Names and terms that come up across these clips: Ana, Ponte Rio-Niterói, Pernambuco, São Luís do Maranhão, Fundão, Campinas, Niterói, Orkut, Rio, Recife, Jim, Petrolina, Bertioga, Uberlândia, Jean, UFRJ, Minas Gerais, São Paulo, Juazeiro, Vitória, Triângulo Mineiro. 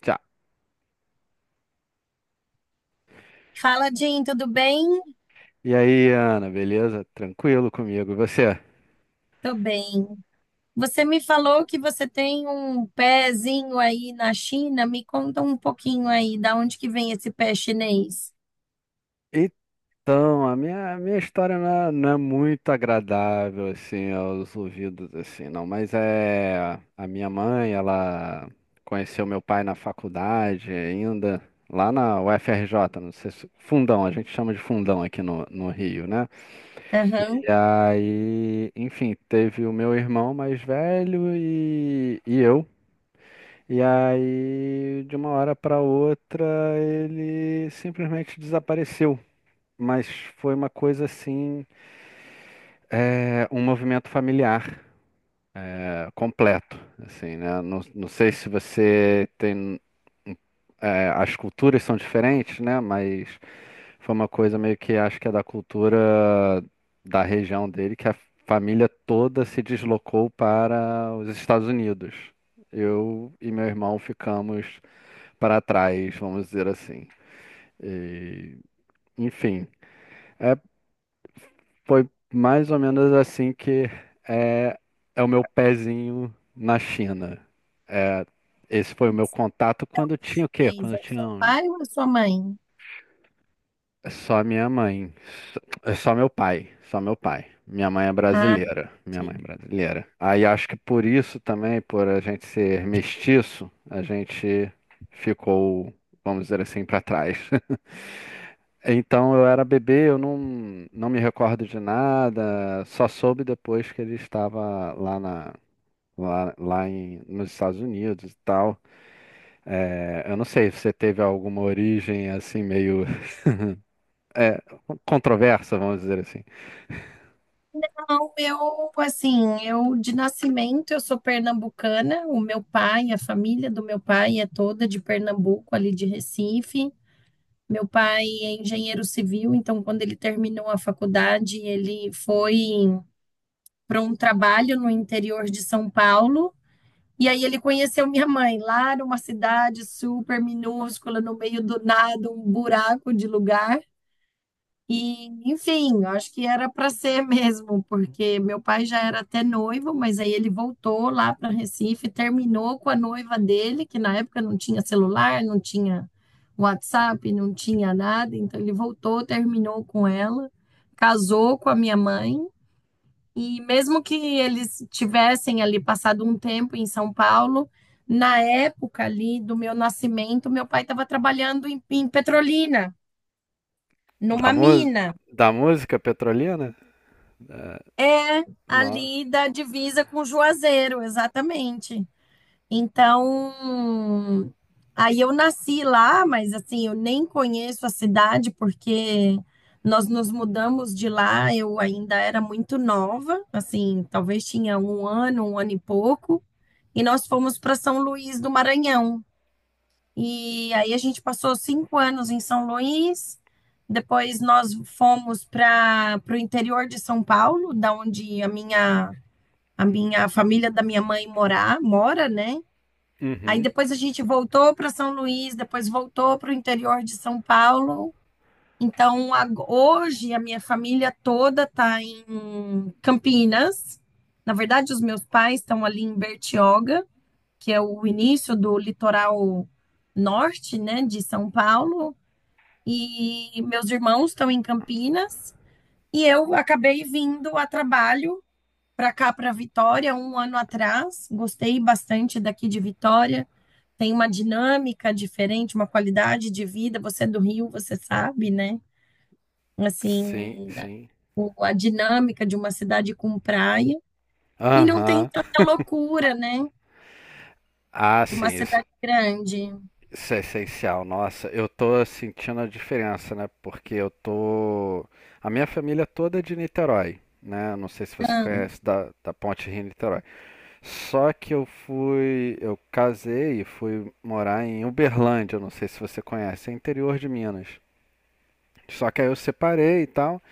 Tchau. Fala, Jean, tudo bem? E aí, Ana, beleza? Tranquilo comigo? E você? Tô bem. Você me falou que você tem um pezinho aí na China. Me conta um pouquinho aí, da onde que vem esse pé chinês? Então, a minha história não é muito agradável, assim, aos ouvidos, assim, não. Mas A minha mãe, ela conheceu meu pai na faculdade ainda, lá na UFRJ, não sei se... Fundão, a gente chama de Fundão aqui no Rio, né? Aham. E aí, enfim, teve o meu irmão mais velho e eu. E aí, de uma hora para outra, ele simplesmente desapareceu. Mas foi uma coisa assim, um movimento familiar, completo, assim, né? Não, sei se você tem, as culturas são diferentes, né? Mas foi uma coisa meio que acho que é da cultura da região dele, que a família toda se deslocou para os Estados Unidos. Eu e meu irmão ficamos para trás, vamos dizer assim. E, enfim, é, foi mais ou menos assim que é, é o meu pezinho na China. É, esse foi o meu contato quando eu tinha o quê? Quando Chinês, é eu o tinha seu pai ou a sua mãe? só minha mãe, só, é só meu pai, só meu pai. Minha mãe é Ah, brasileira, minha mãe ok. é brasileira. Aí acho que por isso também, por a gente ser mestiço, a gente ficou, vamos dizer assim, para trás. Então eu era bebê, eu não, não me recordo de nada, só soube depois que ele estava lá nos Estados Unidos e tal. É, eu não sei se você teve alguma origem assim meio é, controversa, vamos dizer assim, Não, eu, assim, eu de nascimento, eu sou pernambucana. O meu pai, a família do meu pai é toda de Pernambuco, ali de Recife. Meu pai é engenheiro civil, então quando ele terminou a faculdade, ele foi para um trabalho no interior de São Paulo. E aí ele conheceu minha mãe lá numa cidade super minúscula, no meio do nada, um buraco de lugar. E, enfim, eu acho que era para ser mesmo, porque meu pai já era até noivo, mas aí ele voltou lá para Recife, terminou com a noiva dele, que na época não tinha celular, não tinha WhatsApp, não tinha nada, então ele voltou, terminou com ela, casou com a minha mãe e mesmo que eles tivessem ali passado um tempo em São Paulo, na época ali do meu nascimento, meu pai estava trabalhando em Petrolina, da, numa mu mina. da música petrolina? É, É não. ali da divisa com Juazeiro, exatamente. Então, aí eu nasci lá, mas assim, eu nem conheço a cidade porque nós nos mudamos de lá, eu ainda era muito nova, assim, talvez tinha 1 ano, 1 ano e pouco, e nós fomos para São Luís do Maranhão. E aí a gente passou 5 anos em São Luís, depois nós fomos para o interior de São Paulo, da onde a minha família da minha mãe morar, mora, né? Aí Uhum. depois a gente voltou para São Luís, depois voltou para o interior de São Paulo. Então, hoje a minha família toda está em Campinas. Na verdade, os meus pais estão ali em Bertioga, que é o início do litoral norte, né, de São Paulo. E meus irmãos estão em Campinas. E eu acabei vindo a trabalho para cá, para Vitória, um ano atrás. Gostei bastante daqui de Vitória, tem uma dinâmica diferente, uma qualidade de vida. Você é do Rio, você sabe, né? Sim, Assim, sim. A dinâmica de uma cidade com praia. E não tem Aham. tanta loucura, né? Ah, De sim, uma isso. cidade grande. Isso é essencial, nossa, eu tô sentindo a diferença, né? Porque eu tô. A minha família toda é de Niterói, né? Não sei se você conhece da Ponte Rio-Niterói. Só que eu fui. Eu casei e fui morar em Uberlândia, não sei se você conhece, é interior de Minas. Só que aí eu separei e tal.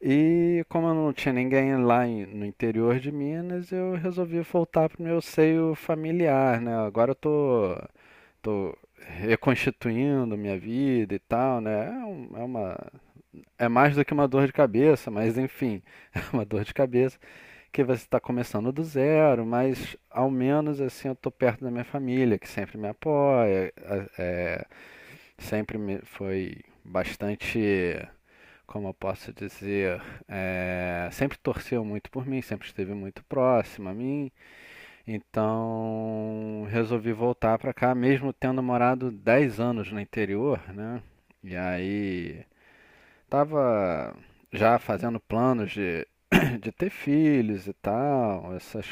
E como eu não tinha ninguém no interior de Minas, eu resolvi voltar pro meu seio familiar, né? Agora eu tô reconstituindo minha vida e tal, né? É, um- é uma. É mais do que uma dor de cabeça, mas enfim, é uma dor de cabeça que você está começando do zero, mas ao menos assim eu tô perto da minha família, que sempre me apoia, sempre me foi bastante, como eu posso dizer, sempre torceu muito por mim, sempre esteve muito próxima a mim. Então, resolvi voltar pra cá, mesmo tendo morado 10 anos no interior, né? E aí, tava já fazendo planos de, de ter filhos e tal, essas,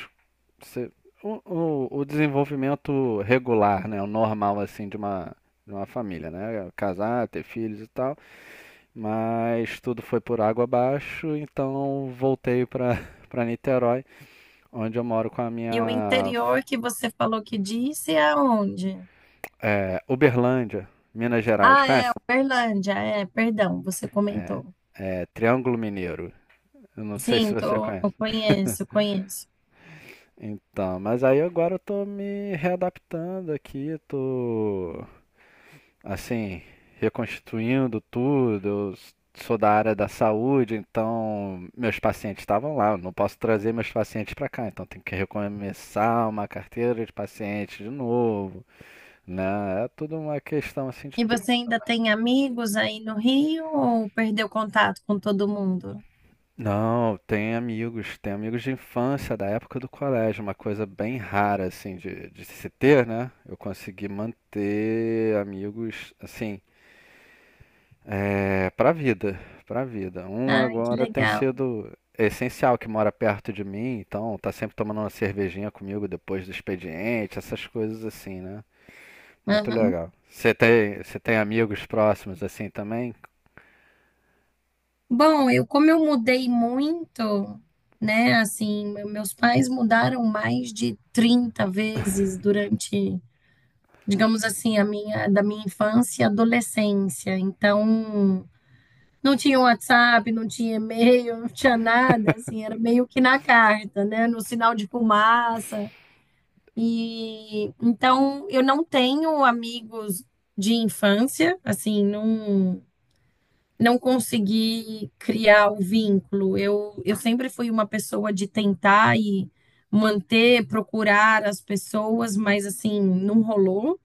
se- o desenvolvimento regular, né? O normal, assim, de uma família, né? Casar, ter filhos e tal, mas tudo foi por água abaixo, então voltei pra, para Niterói, onde eu moro com a E o minha. interior que você falou que disse é aonde? É, Uberlândia, Minas Gerais, Ah, é conhece? Uberlândia. É, perdão, você É, comentou. Triângulo Mineiro. Eu não sei se Sim, você tô, conhece. eu conheço, conheço. Então, mas aí agora eu tô me readaptando aqui, tô assim, reconstituindo tudo. Sou da área da saúde, então meus pacientes estavam lá. Eu não posso trazer meus pacientes para cá, então tem que recomeçar uma carteira de pacientes de novo, né? É tudo uma questão assim de. E você ainda tem amigos aí no Rio ou perdeu contato com todo mundo? Não, tem amigos de infância, da época do colégio, uma coisa bem rara, assim, de se ter, né? Eu consegui manter amigos, assim, pra vida, pra vida. Um Ai, que agora tem legal. sido essencial, que mora perto de mim, então tá sempre tomando uma cervejinha comigo depois do expediente, essas coisas assim, né? Muito Aham. legal. Você tem amigos próximos assim também? Bom, eu como eu mudei muito, né? Assim, meus pais mudaram mais de 30 vezes durante, digamos assim, a minha da minha infância e adolescência. Então, não tinha WhatsApp, não tinha e-mail, não tinha nada, assim, era meio que na carta, né? No sinal de fumaça. E então eu não tenho amigos de infância, assim, não consegui criar o vínculo. Eu sempre fui uma pessoa de tentar e manter, procurar as pessoas, mas assim, não rolou.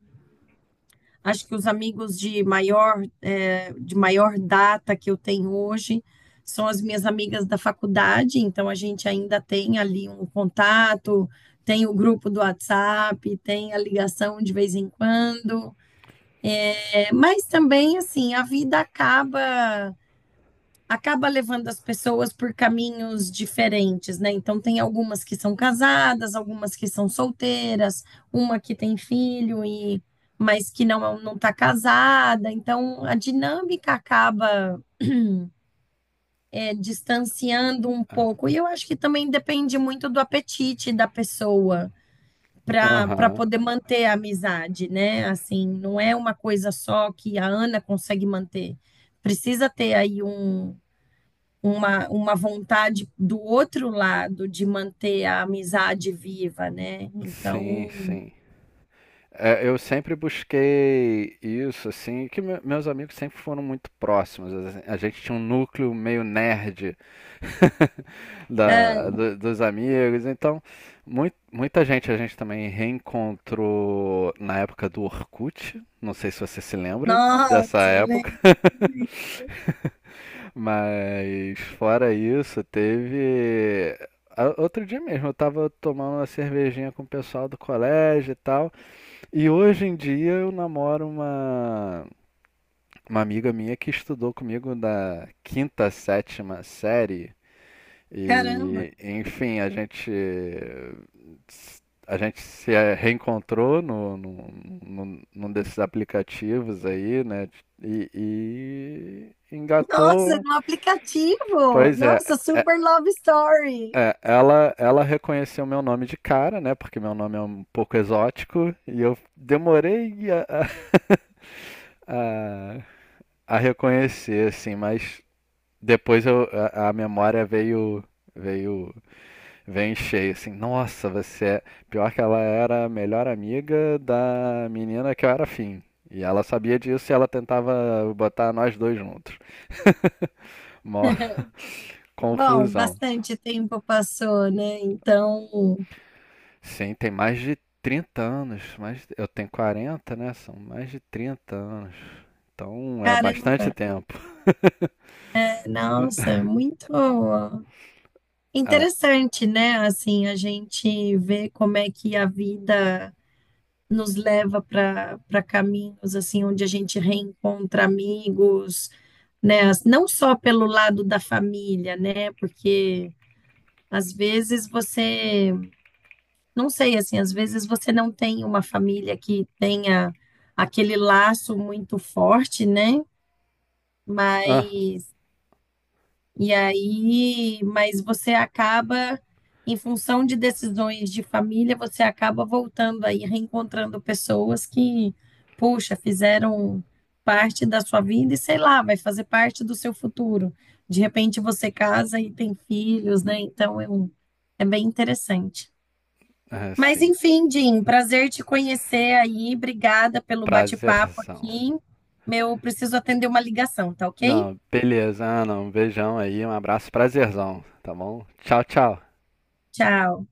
Acho que os amigos de maior, de maior data que eu tenho hoje são as minhas amigas da faculdade, então a gente ainda tem ali um contato, tem o grupo do WhatsApp, tem a ligação de vez em quando. Mas também, assim, a vida acaba levando as pessoas por caminhos diferentes, né? Então tem algumas que são casadas, algumas que são solteiras, uma que tem filho e mas que não está casada. Então a dinâmica acaba distanciando um pouco. E eu acho que também depende muito do apetite da pessoa para Aham. poder manter a amizade, né? Assim, não é uma coisa só que a Ana consegue manter. Precisa ter aí um uma vontade do outro lado de manter a amizade viva, né? Sim, Então, sim. É, eu sempre busquei isso, assim, meus amigos sempre foram muito próximos, assim. A gente tinha um núcleo meio nerd é, dos amigos, então muita gente a gente também reencontrou na época do Orkut. Não sei se você se lembra dessa nossa, época, mas fora isso, teve. Outro dia mesmo, eu tava tomando uma cervejinha com o pessoal do colégio e tal. E hoje em dia eu namoro uma amiga minha que estudou comigo da quinta, sétima série. caramba, E, enfim, a gente se reencontrou num desses aplicativos aí, né? E nossa, engatou. no aplicativo, Pois é, nossa, é- super love story. Ela reconheceu meu nome de cara, né? Porque meu nome é um pouco exótico. E eu demorei a a reconhecer, assim, mas depois eu, a memória veio, veio em cheio, assim, nossa, você é... Pior que ela era a melhor amiga da menina que eu era afim. E ela sabia disso e ela tentava botar nós dois juntos. Mó Bom, confusão. bastante tempo passou, né? Então, Sim, tem mais de 30 anos, mais, eu tenho 40, né? São mais de 30 anos. Então é bastante caramba, tempo. é, nossa, muito Ah, interessante, né? Assim, a gente vê como é que a vida nos leva para caminhos assim onde a gente reencontra amigos, né? Não só pelo lado da família, né? Porque às vezes você, não sei assim, às vezes você não tem uma família que tenha aquele laço muito forte, né? ah, Mas E aí, mas você acaba, em função de decisões de família, você acaba voltando aí, reencontrando pessoas que, poxa, fizeram parte da sua vida e sei lá, vai fazer parte do seu futuro. De repente você casa e tem filhos, né? Então é bem interessante. Mas assim, enfim, Jim, prazer te conhecer aí. Obrigada pelo bate-papo prazerzão. aqui. Meu, preciso atender uma ligação, tá ok? Não, beleza. Ah, não. Um beijão aí, um abraço, prazerzão, tá bom? Tchau, tchau. Tchau.